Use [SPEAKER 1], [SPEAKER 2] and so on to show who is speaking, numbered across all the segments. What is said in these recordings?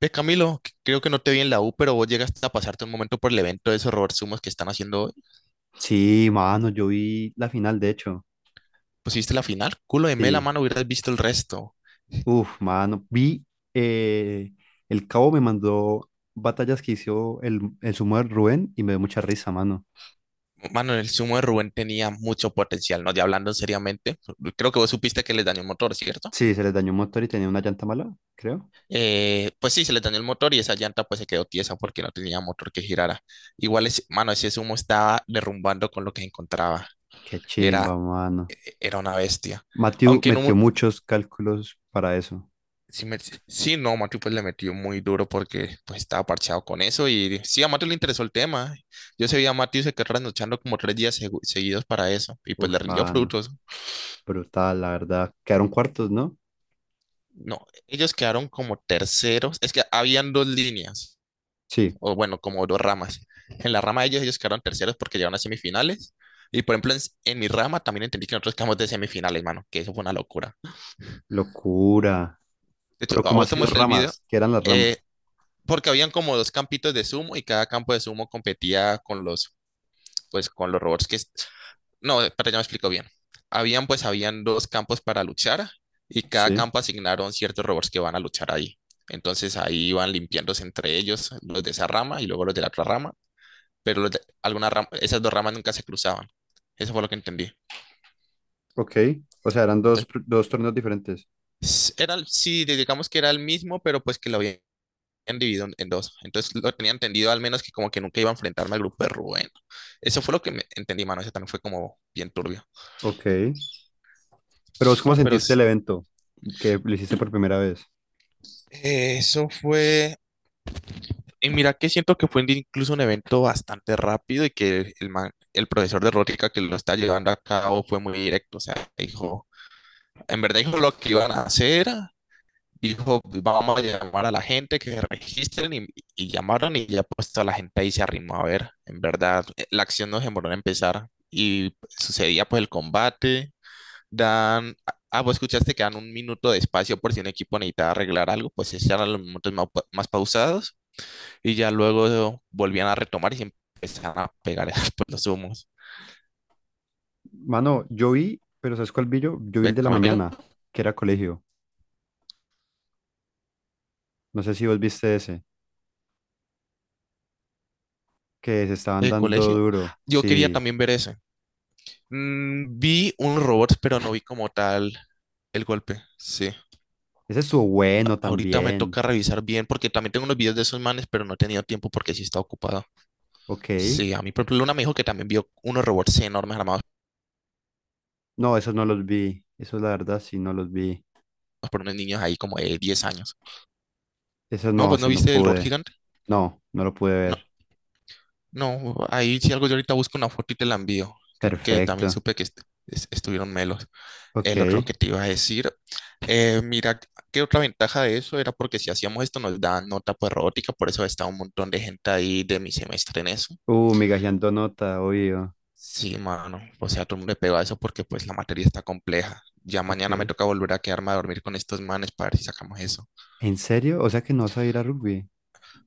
[SPEAKER 1] Ve, Camilo, creo que no te vi en la U, pero vos llegaste a pasarte un momento por el evento de esos Robert sumos que están haciendo hoy.
[SPEAKER 2] Sí, mano, yo vi la final, de hecho.
[SPEAKER 1] Pusiste la final, culo de mela,
[SPEAKER 2] Sí.
[SPEAKER 1] mano, hubieras visto el resto.
[SPEAKER 2] Uf, mano. Vi, eh, el Cabo me mandó batallas que hizo el sumo de Rubén y me dio mucha risa, mano.
[SPEAKER 1] Mano, el sumo de Rubén tenía mucho potencial, ¿no? Ya hablando seriamente, creo que vos supiste que les dañó el motor, ¿cierto?
[SPEAKER 2] Sí, se les dañó un motor y tenía una llanta mala, creo.
[SPEAKER 1] Pues sí, se les dañó el motor y esa llanta pues se quedó tiesa porque no tenía motor que girara. Igual, es, mano, ese sumo estaba derrumbando con lo que encontraba.
[SPEAKER 2] Qué chimba,
[SPEAKER 1] Era,
[SPEAKER 2] mano.
[SPEAKER 1] era una bestia.
[SPEAKER 2] Matthew
[SPEAKER 1] Aunque en un,
[SPEAKER 2] metió muchos cálculos para eso.
[SPEAKER 1] sí, sí, no, Matthew pues le metió muy duro porque pues estaba parcheado con eso y sí, a Matthew le interesó el tema. Yo se vi a Matthew se quedó trasnochando como tres días seguidos para eso y pues
[SPEAKER 2] Uf,
[SPEAKER 1] le rindió
[SPEAKER 2] mano.
[SPEAKER 1] frutos.
[SPEAKER 2] Brutal, la verdad. Quedaron cuartos, ¿no?
[SPEAKER 1] No, ellos quedaron como terceros. Es que habían dos líneas,
[SPEAKER 2] Sí.
[SPEAKER 1] o bueno, como dos ramas. En la rama de ellos ellos quedaron terceros porque llegaron a semifinales. Y por ejemplo, en mi rama también entendí que nosotros quedamos de semifinales, mano, que eso fue una locura.
[SPEAKER 2] Locura.
[SPEAKER 1] De hecho,
[SPEAKER 2] Pero
[SPEAKER 1] a
[SPEAKER 2] ¿cómo ha
[SPEAKER 1] vos te
[SPEAKER 2] sido
[SPEAKER 1] mostré el video.
[SPEAKER 2] ramas? ¿Qué eran las
[SPEAKER 1] Eh,
[SPEAKER 2] ramas?
[SPEAKER 1] Porque habían como dos campitos de sumo y cada campo de sumo competía con los, pues, con los robots que... No, espera, ya me explico bien. Habían, pues, habían dos campos para luchar y cada
[SPEAKER 2] Sí.
[SPEAKER 1] campo asignaron ciertos robots que van a luchar ahí. Entonces ahí iban limpiándose entre ellos los de esa rama y luego los de la otra rama, pero los de- alguna rama- esas dos ramas nunca se cruzaban. Eso fue lo que entendí.
[SPEAKER 2] Ok. O sea, eran
[SPEAKER 1] Entonces,
[SPEAKER 2] dos torneos diferentes.
[SPEAKER 1] era, sí, digamos que era el mismo, pero pues que lo habían dividido en dos. Entonces lo tenía entendido al menos que como que nunca iba a enfrentarme al grupo de Rubén. Eso fue lo que me entendí, mano. Ese también fue como bien turbio.
[SPEAKER 2] Ok. Pero vos, ¿cómo
[SPEAKER 1] No, pero
[SPEAKER 2] sentiste el evento que lo hiciste por primera vez?
[SPEAKER 1] eso fue... Y mira que siento que fue incluso un evento bastante rápido y que el, el profesor de Rótica que lo está llevando a cabo fue muy directo. O sea, dijo, en verdad dijo lo que iban a hacer. Dijo, vamos a llamar a la gente que se registren y llamaron y ya puesto a la gente ahí se arrimó a ver. En verdad, la acción no demoró en empezar y sucedía pues el combate. Dan, vos escuchaste que dan un minuto de espacio por si un equipo necesitaba arreglar algo, pues esos eran los minutos más, más pausados y ya luego volvían a retomar y se empezaban a pegar pues, los humos.
[SPEAKER 2] Mano, yo vi, pero ¿sabes cuál vi yo? Yo vi el
[SPEAKER 1] ¿Ves,
[SPEAKER 2] de la
[SPEAKER 1] Camilo?
[SPEAKER 2] mañana, que era colegio. No sé si vos viste ese, que se estaban
[SPEAKER 1] El
[SPEAKER 2] dando
[SPEAKER 1] colegio.
[SPEAKER 2] duro.
[SPEAKER 1] Yo quería
[SPEAKER 2] Sí,
[SPEAKER 1] también ver eso. Mm, vi un robot, pero no vi como tal el golpe. Sí.
[SPEAKER 2] ese estuvo bueno
[SPEAKER 1] Ahorita me
[SPEAKER 2] también.
[SPEAKER 1] toca revisar bien porque también tengo unos videos de esos manes, pero no he tenido tiempo porque sí está ocupado.
[SPEAKER 2] Ok.
[SPEAKER 1] Sí, a mí, por ejemplo, Luna me dijo que también vio unos robots enormes armados
[SPEAKER 2] No, esos no los vi. Eso la verdad, sí, no los vi.
[SPEAKER 1] por unos niños ahí como de 10 años.
[SPEAKER 2] Eso
[SPEAKER 1] No,
[SPEAKER 2] no,
[SPEAKER 1] pues no
[SPEAKER 2] ese no
[SPEAKER 1] viste el robot
[SPEAKER 2] pude.
[SPEAKER 1] gigante.
[SPEAKER 2] No, no lo pude
[SPEAKER 1] No,
[SPEAKER 2] ver.
[SPEAKER 1] no, ahí sí algo yo ahorita busco una foto y te la envío, que también
[SPEAKER 2] Perfecto.
[SPEAKER 1] supe que estuvieron melos.
[SPEAKER 2] Ok.
[SPEAKER 1] El otro que te iba a decir, mira, qué otra ventaja de eso era porque si hacíamos esto nos daban nota por robótica, por eso estaba un montón de gente ahí de mi semestre en eso.
[SPEAKER 2] Migajeando nota, obvio.
[SPEAKER 1] Sí, mano. O sea, todo el mundo le pegó a eso porque pues la materia está compleja. Ya mañana me
[SPEAKER 2] Ok.
[SPEAKER 1] toca volver a quedarme a dormir con estos manes para ver si sacamos eso.
[SPEAKER 2] ¿En serio? O sea que no vas a ir a rugby.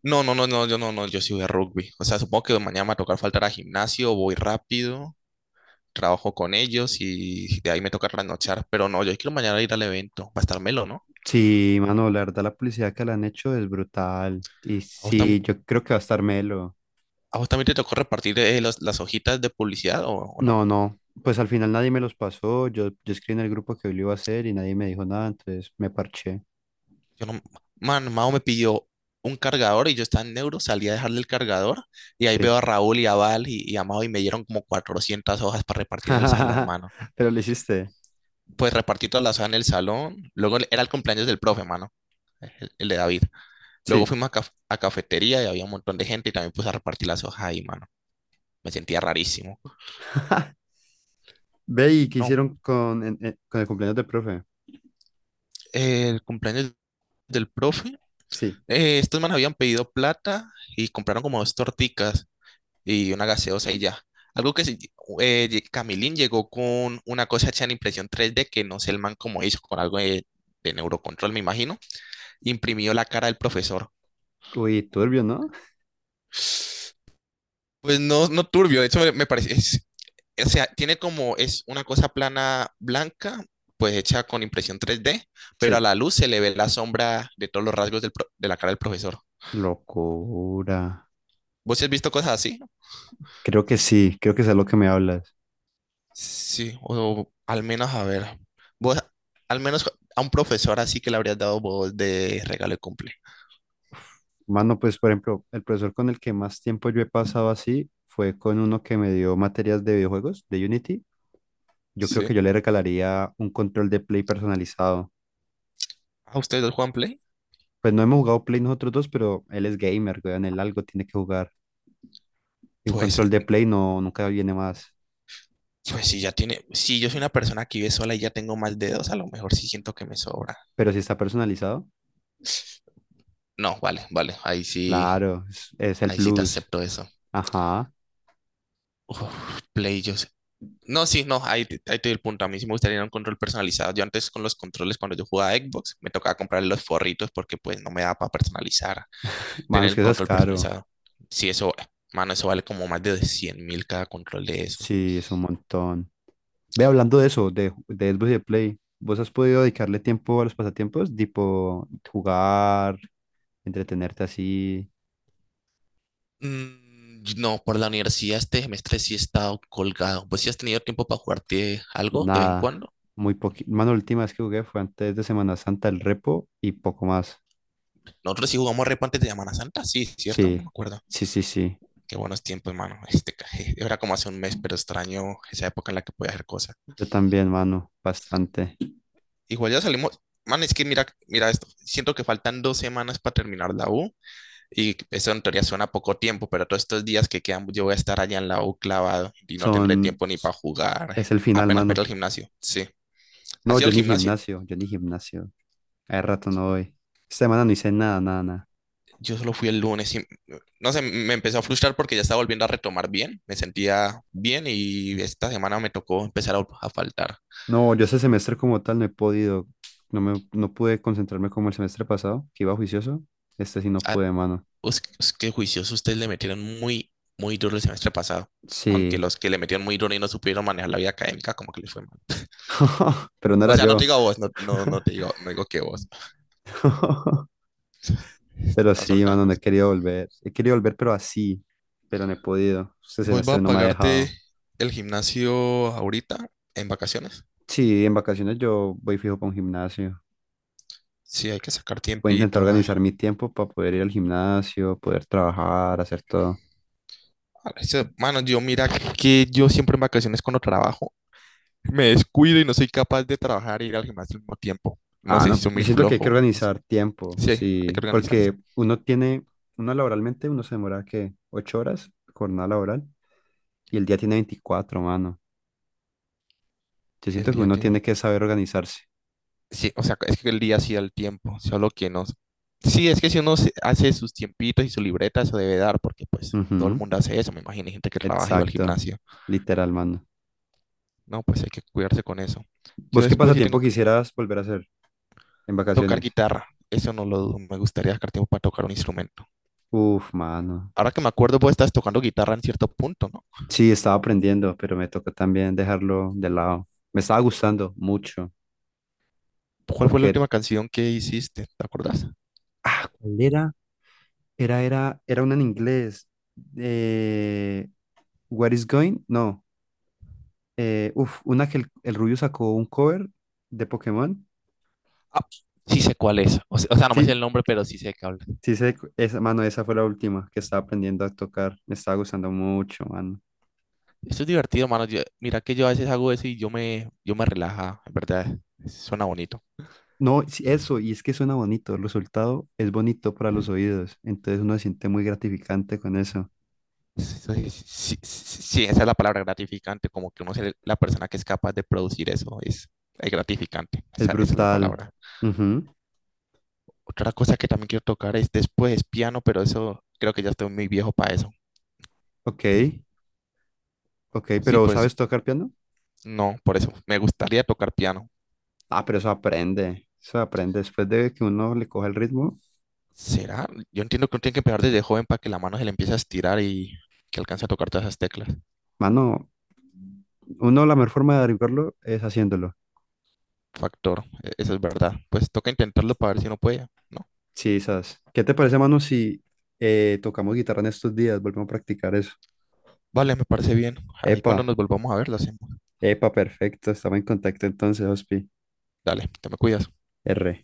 [SPEAKER 1] No, no, no, no, yo no, no, yo sí voy a rugby. O sea, supongo que mañana me va a tocar faltar a gimnasio, voy rápido, trabajo con ellos y de ahí me toca trasnochar. Pero no, yo quiero mañana ir al evento, va a estar melo, ¿no?
[SPEAKER 2] Sí, mano, la verdad la publicidad que le han hecho es brutal. Y
[SPEAKER 1] ¿A vos,
[SPEAKER 2] sí, yo creo que va a estar melo.
[SPEAKER 1] a vos también te tocó repartir las hojitas de publicidad o no?
[SPEAKER 2] No, no, pues al final nadie me los pasó. Yo escribí en el grupo que hoy lo iba a hacer y nadie me dijo nada, entonces me parché.
[SPEAKER 1] Yo no, man, Mao me pidió un cargador y yo estaba en Neuro, salí a dejarle el cargador y ahí
[SPEAKER 2] Sí.
[SPEAKER 1] veo a Raúl y a Val y a Mao y me dieron como 400 hojas para repartir en el salón, mano.
[SPEAKER 2] Pero lo hiciste.
[SPEAKER 1] Pues repartí todas las hojas en el salón, luego era el cumpleaños del profe, mano, el de David. Luego
[SPEAKER 2] Sí.
[SPEAKER 1] fuimos a, a cafetería y había un montón de gente y también puse a repartir las hojas ahí, mano. Me sentía rarísimo.
[SPEAKER 2] Ve y qué
[SPEAKER 1] No,
[SPEAKER 2] hicieron con, con el cumpleaños del profe.
[SPEAKER 1] el cumpleaños del profe,
[SPEAKER 2] Sí.
[SPEAKER 1] estos manos habían pedido plata y compraron como dos torticas y una gaseosa y ya. Algo que sí, Camilín llegó con una cosa hecha en impresión 3D que no sé el man cómo hizo, con algo de neurocontrol, me imagino. Imprimió la cara del profesor.
[SPEAKER 2] Uy, turbio, ¿no?
[SPEAKER 1] Pues no, no turbio, de hecho me, me parece, o sea, tiene como, es una cosa plana blanca, pues hecha con impresión 3D,
[SPEAKER 2] Sí.
[SPEAKER 1] pero a la luz se le ve la sombra de todos los rasgos del de la cara del profesor.
[SPEAKER 2] Locura.
[SPEAKER 1] ¿Vos sí has visto cosas así?
[SPEAKER 2] Creo que sí, creo que es a lo que me hablas.
[SPEAKER 1] Sí, o al menos a ver. Vos, al menos a un profesor así que le habrías dado vos de regalo de cumple.
[SPEAKER 2] Mano, pues por ejemplo, el profesor con el que más tiempo yo he pasado así fue con uno que me dio materias de videojuegos, de Unity. Yo creo
[SPEAKER 1] Sí.
[SPEAKER 2] que yo le regalaría un control de Play personalizado.
[SPEAKER 1] ¿A ustedes dos juegan Play?
[SPEAKER 2] Pues no hemos jugado Play nosotros dos, pero él es gamer, weón, él algo tiene que jugar. Y un
[SPEAKER 1] Pues,
[SPEAKER 2] control de Play no, nunca viene más.
[SPEAKER 1] pues si ya tiene, si yo soy una persona que vive sola y ya tengo más dedos, a lo mejor sí siento que me sobra.
[SPEAKER 2] Pero si está personalizado,
[SPEAKER 1] No, vale, vale,
[SPEAKER 2] claro, es el
[SPEAKER 1] ahí sí te
[SPEAKER 2] plus.
[SPEAKER 1] acepto eso.
[SPEAKER 2] Ajá.
[SPEAKER 1] Uf, Play, no, sí, no, ahí, ahí te doy el punto. A mí sí me gustaría un control personalizado. Yo antes con los controles, cuando yo jugaba a Xbox, me tocaba comprar los forritos porque pues no me daba para personalizar
[SPEAKER 2] Mano,
[SPEAKER 1] tener
[SPEAKER 2] es
[SPEAKER 1] el
[SPEAKER 2] que eso es
[SPEAKER 1] control
[SPEAKER 2] caro.
[SPEAKER 1] personalizado. Si eso, mano, eso vale como más de 100 mil cada control de eso.
[SPEAKER 2] Sí, es un montón. Ve hablando de eso, de Xbox y de Play, ¿vos has podido dedicarle tiempo a los pasatiempos? Tipo jugar, entretenerte así,
[SPEAKER 1] Mm, no, por la universidad este semestre sí he estado colgado. Pues si has tenido tiempo para jugarte algo de vez en
[SPEAKER 2] nada,
[SPEAKER 1] cuando.
[SPEAKER 2] muy poquito. Mano, la última vez que jugué fue antes de Semana Santa, el repo y poco más.
[SPEAKER 1] Nosotros sí jugamos repo antes de Semana Santa, sí, ¿cierto? No me
[SPEAKER 2] Sí,
[SPEAKER 1] acuerdo.
[SPEAKER 2] sí, sí, sí.
[SPEAKER 1] Qué buenos tiempos, hermano. Este, era como hace un mes, pero extraño esa época en la que podía hacer cosas.
[SPEAKER 2] Yo también, mano, bastante.
[SPEAKER 1] Igual ya salimos. Man, es que mira, mira esto. Siento que faltan dos semanas para terminar la U. Y eso en teoría suena poco tiempo, pero todos estos días que quedan, yo voy a estar allá en la U clavado y no tendré
[SPEAKER 2] Son,
[SPEAKER 1] tiempo ni para jugar.
[SPEAKER 2] es el final,
[SPEAKER 1] Apenas para ir al
[SPEAKER 2] mano.
[SPEAKER 1] gimnasio. Sí.
[SPEAKER 2] No,
[SPEAKER 1] ¿Has ido
[SPEAKER 2] yo
[SPEAKER 1] al
[SPEAKER 2] ni
[SPEAKER 1] gimnasio?
[SPEAKER 2] gimnasio, yo ni gimnasio. Hace rato no voy. Esta semana no hice nada, nada, nada.
[SPEAKER 1] Yo solo fui el lunes y no sé, me empezó a frustrar porque ya estaba volviendo a retomar bien. Me sentía bien y esta semana me tocó empezar a faltar.
[SPEAKER 2] No, yo este semestre como tal no he podido, no pude concentrarme como el semestre pasado, que iba juicioso. Este sí no
[SPEAKER 1] Ah,
[SPEAKER 2] pude, mano.
[SPEAKER 1] qué juiciosos ustedes le metieron muy, muy duro el semestre pasado. Aunque
[SPEAKER 2] Sí,
[SPEAKER 1] los que le metieron muy duro y no supieron manejar la vida académica, como que les fue mal.
[SPEAKER 2] pero no
[SPEAKER 1] O
[SPEAKER 2] era
[SPEAKER 1] sea, no te
[SPEAKER 2] yo.
[SPEAKER 1] digo a vos, no, no, no te digo, no digo que vos.
[SPEAKER 2] Pero
[SPEAKER 1] Estás
[SPEAKER 2] sí, mano,
[SPEAKER 1] soltando.
[SPEAKER 2] no he querido volver. He querido volver, pero así, pero no he podido. Este
[SPEAKER 1] Voy
[SPEAKER 2] semestre
[SPEAKER 1] a
[SPEAKER 2] no me ha
[SPEAKER 1] pagarte
[SPEAKER 2] dejado.
[SPEAKER 1] el gimnasio ahorita en vacaciones.
[SPEAKER 2] Sí, en vacaciones yo voy fijo para un gimnasio.
[SPEAKER 1] Sí, hay que sacar
[SPEAKER 2] Voy a intentar
[SPEAKER 1] tiempito. Ay.
[SPEAKER 2] organizar mi tiempo para poder ir al gimnasio, poder trabajar, hacer todo.
[SPEAKER 1] A veces, mano, yo mira que yo siempre en vacaciones cuando trabajo me descuido y no soy capaz de trabajar e ir al gimnasio al mismo tiempo. No
[SPEAKER 2] Ah,
[SPEAKER 1] sé si
[SPEAKER 2] no,
[SPEAKER 1] soy
[SPEAKER 2] yo
[SPEAKER 1] muy
[SPEAKER 2] siento que hay que
[SPEAKER 1] flojo, no sé.
[SPEAKER 2] organizar tiempo,
[SPEAKER 1] Sí, hay que
[SPEAKER 2] sí,
[SPEAKER 1] organizarse.
[SPEAKER 2] porque uno laboralmente, uno se demora, ¿qué? Ocho horas, jornada laboral, y el día tiene 24 mano. Yo
[SPEAKER 1] El
[SPEAKER 2] siento que
[SPEAKER 1] día
[SPEAKER 2] uno
[SPEAKER 1] tiene...
[SPEAKER 2] tiene que saber organizarse.
[SPEAKER 1] Sí, o sea, es que el día sí da el tiempo, solo que no. Sí, es que si hace sus tiempitos y su libreta, eso debe dar, porque pues todo el
[SPEAKER 2] Ujú,
[SPEAKER 1] mundo hace eso. Me imagino hay gente que trabaja y va al
[SPEAKER 2] Exacto,
[SPEAKER 1] gimnasio.
[SPEAKER 2] literal, mano.
[SPEAKER 1] No, pues hay que cuidarse con eso. Yo
[SPEAKER 2] ¿Vos qué
[SPEAKER 1] después sí tengo
[SPEAKER 2] pasatiempo
[SPEAKER 1] que
[SPEAKER 2] quisieras volver a hacer en
[SPEAKER 1] tocar
[SPEAKER 2] vacaciones?
[SPEAKER 1] guitarra. Eso no lo dudo. Me gustaría sacar tiempo para tocar un instrumento.
[SPEAKER 2] Uf, mano.
[SPEAKER 1] Ahora que me acuerdo, vos estás tocando guitarra en cierto punto, ¿no?
[SPEAKER 2] Sí, estaba aprendiendo, pero me tocó también dejarlo de lado. Me estaba gustando mucho,
[SPEAKER 1] ¿Cuál fue la
[SPEAKER 2] porque,
[SPEAKER 1] última canción que hiciste? ¿Te acordás?
[SPEAKER 2] ah, ¿cuál era? Era una en inglés. Eh, What is going? No. Uf, una que el Rubio sacó un cover de Pokémon.
[SPEAKER 1] Ah, sí sé cuál es. O sea, no me sé el
[SPEAKER 2] Sí,
[SPEAKER 1] nombre, pero sí sé que habla.
[SPEAKER 2] sí, sé, cu- esa, mano, esa fue la última que estaba aprendiendo a tocar. Me estaba gustando mucho, mano.
[SPEAKER 1] Esto es divertido, mano. Mira que yo a veces hago eso y yo me relaja, en verdad. Suena bonito.
[SPEAKER 2] No, sí, eso, y es que suena bonito. El resultado es bonito para los oídos. Entonces uno se siente muy gratificante con eso.
[SPEAKER 1] Sí, sí, sí, sí, esa es la palabra gratificante, como que uno es la persona que es capaz de producir eso, es gratificante,
[SPEAKER 2] Es
[SPEAKER 1] esa es la
[SPEAKER 2] brutal.
[SPEAKER 1] palabra.
[SPEAKER 2] Ujú.
[SPEAKER 1] Otra cosa que también quiero tocar es después piano, pero eso creo que ya estoy muy viejo para eso.
[SPEAKER 2] Ok, ok,
[SPEAKER 1] Sí,
[SPEAKER 2] pero
[SPEAKER 1] pues
[SPEAKER 2] ¿sabes tocar piano?
[SPEAKER 1] no, por eso me gustaría tocar piano.
[SPEAKER 2] Ah, pero eso aprende. Eso aprende. Después de que uno le coja el ritmo.
[SPEAKER 1] ¿Será? Yo entiendo que uno tiene que empezar desde joven para que la mano se le empiece a estirar y que alcance a tocar todas esas teclas.
[SPEAKER 2] Mano, uno, la mejor forma de averiguarlo es haciéndolo.
[SPEAKER 1] Factor, eso es verdad. Pues toca intentarlo para ver si uno puede, ¿no?
[SPEAKER 2] Sí, ¿sabes? ¿Qué te parece, mano, si tocamos guitarra en estos días? Volvemos a practicar eso.
[SPEAKER 1] Vale, me parece bien. Ahí
[SPEAKER 2] Epa,
[SPEAKER 1] cuando nos volvamos a ver lo hacemos.
[SPEAKER 2] epa, perfecto. Estamos en contacto entonces, Hospi.
[SPEAKER 1] Dale, te me cuidas.
[SPEAKER 2] R.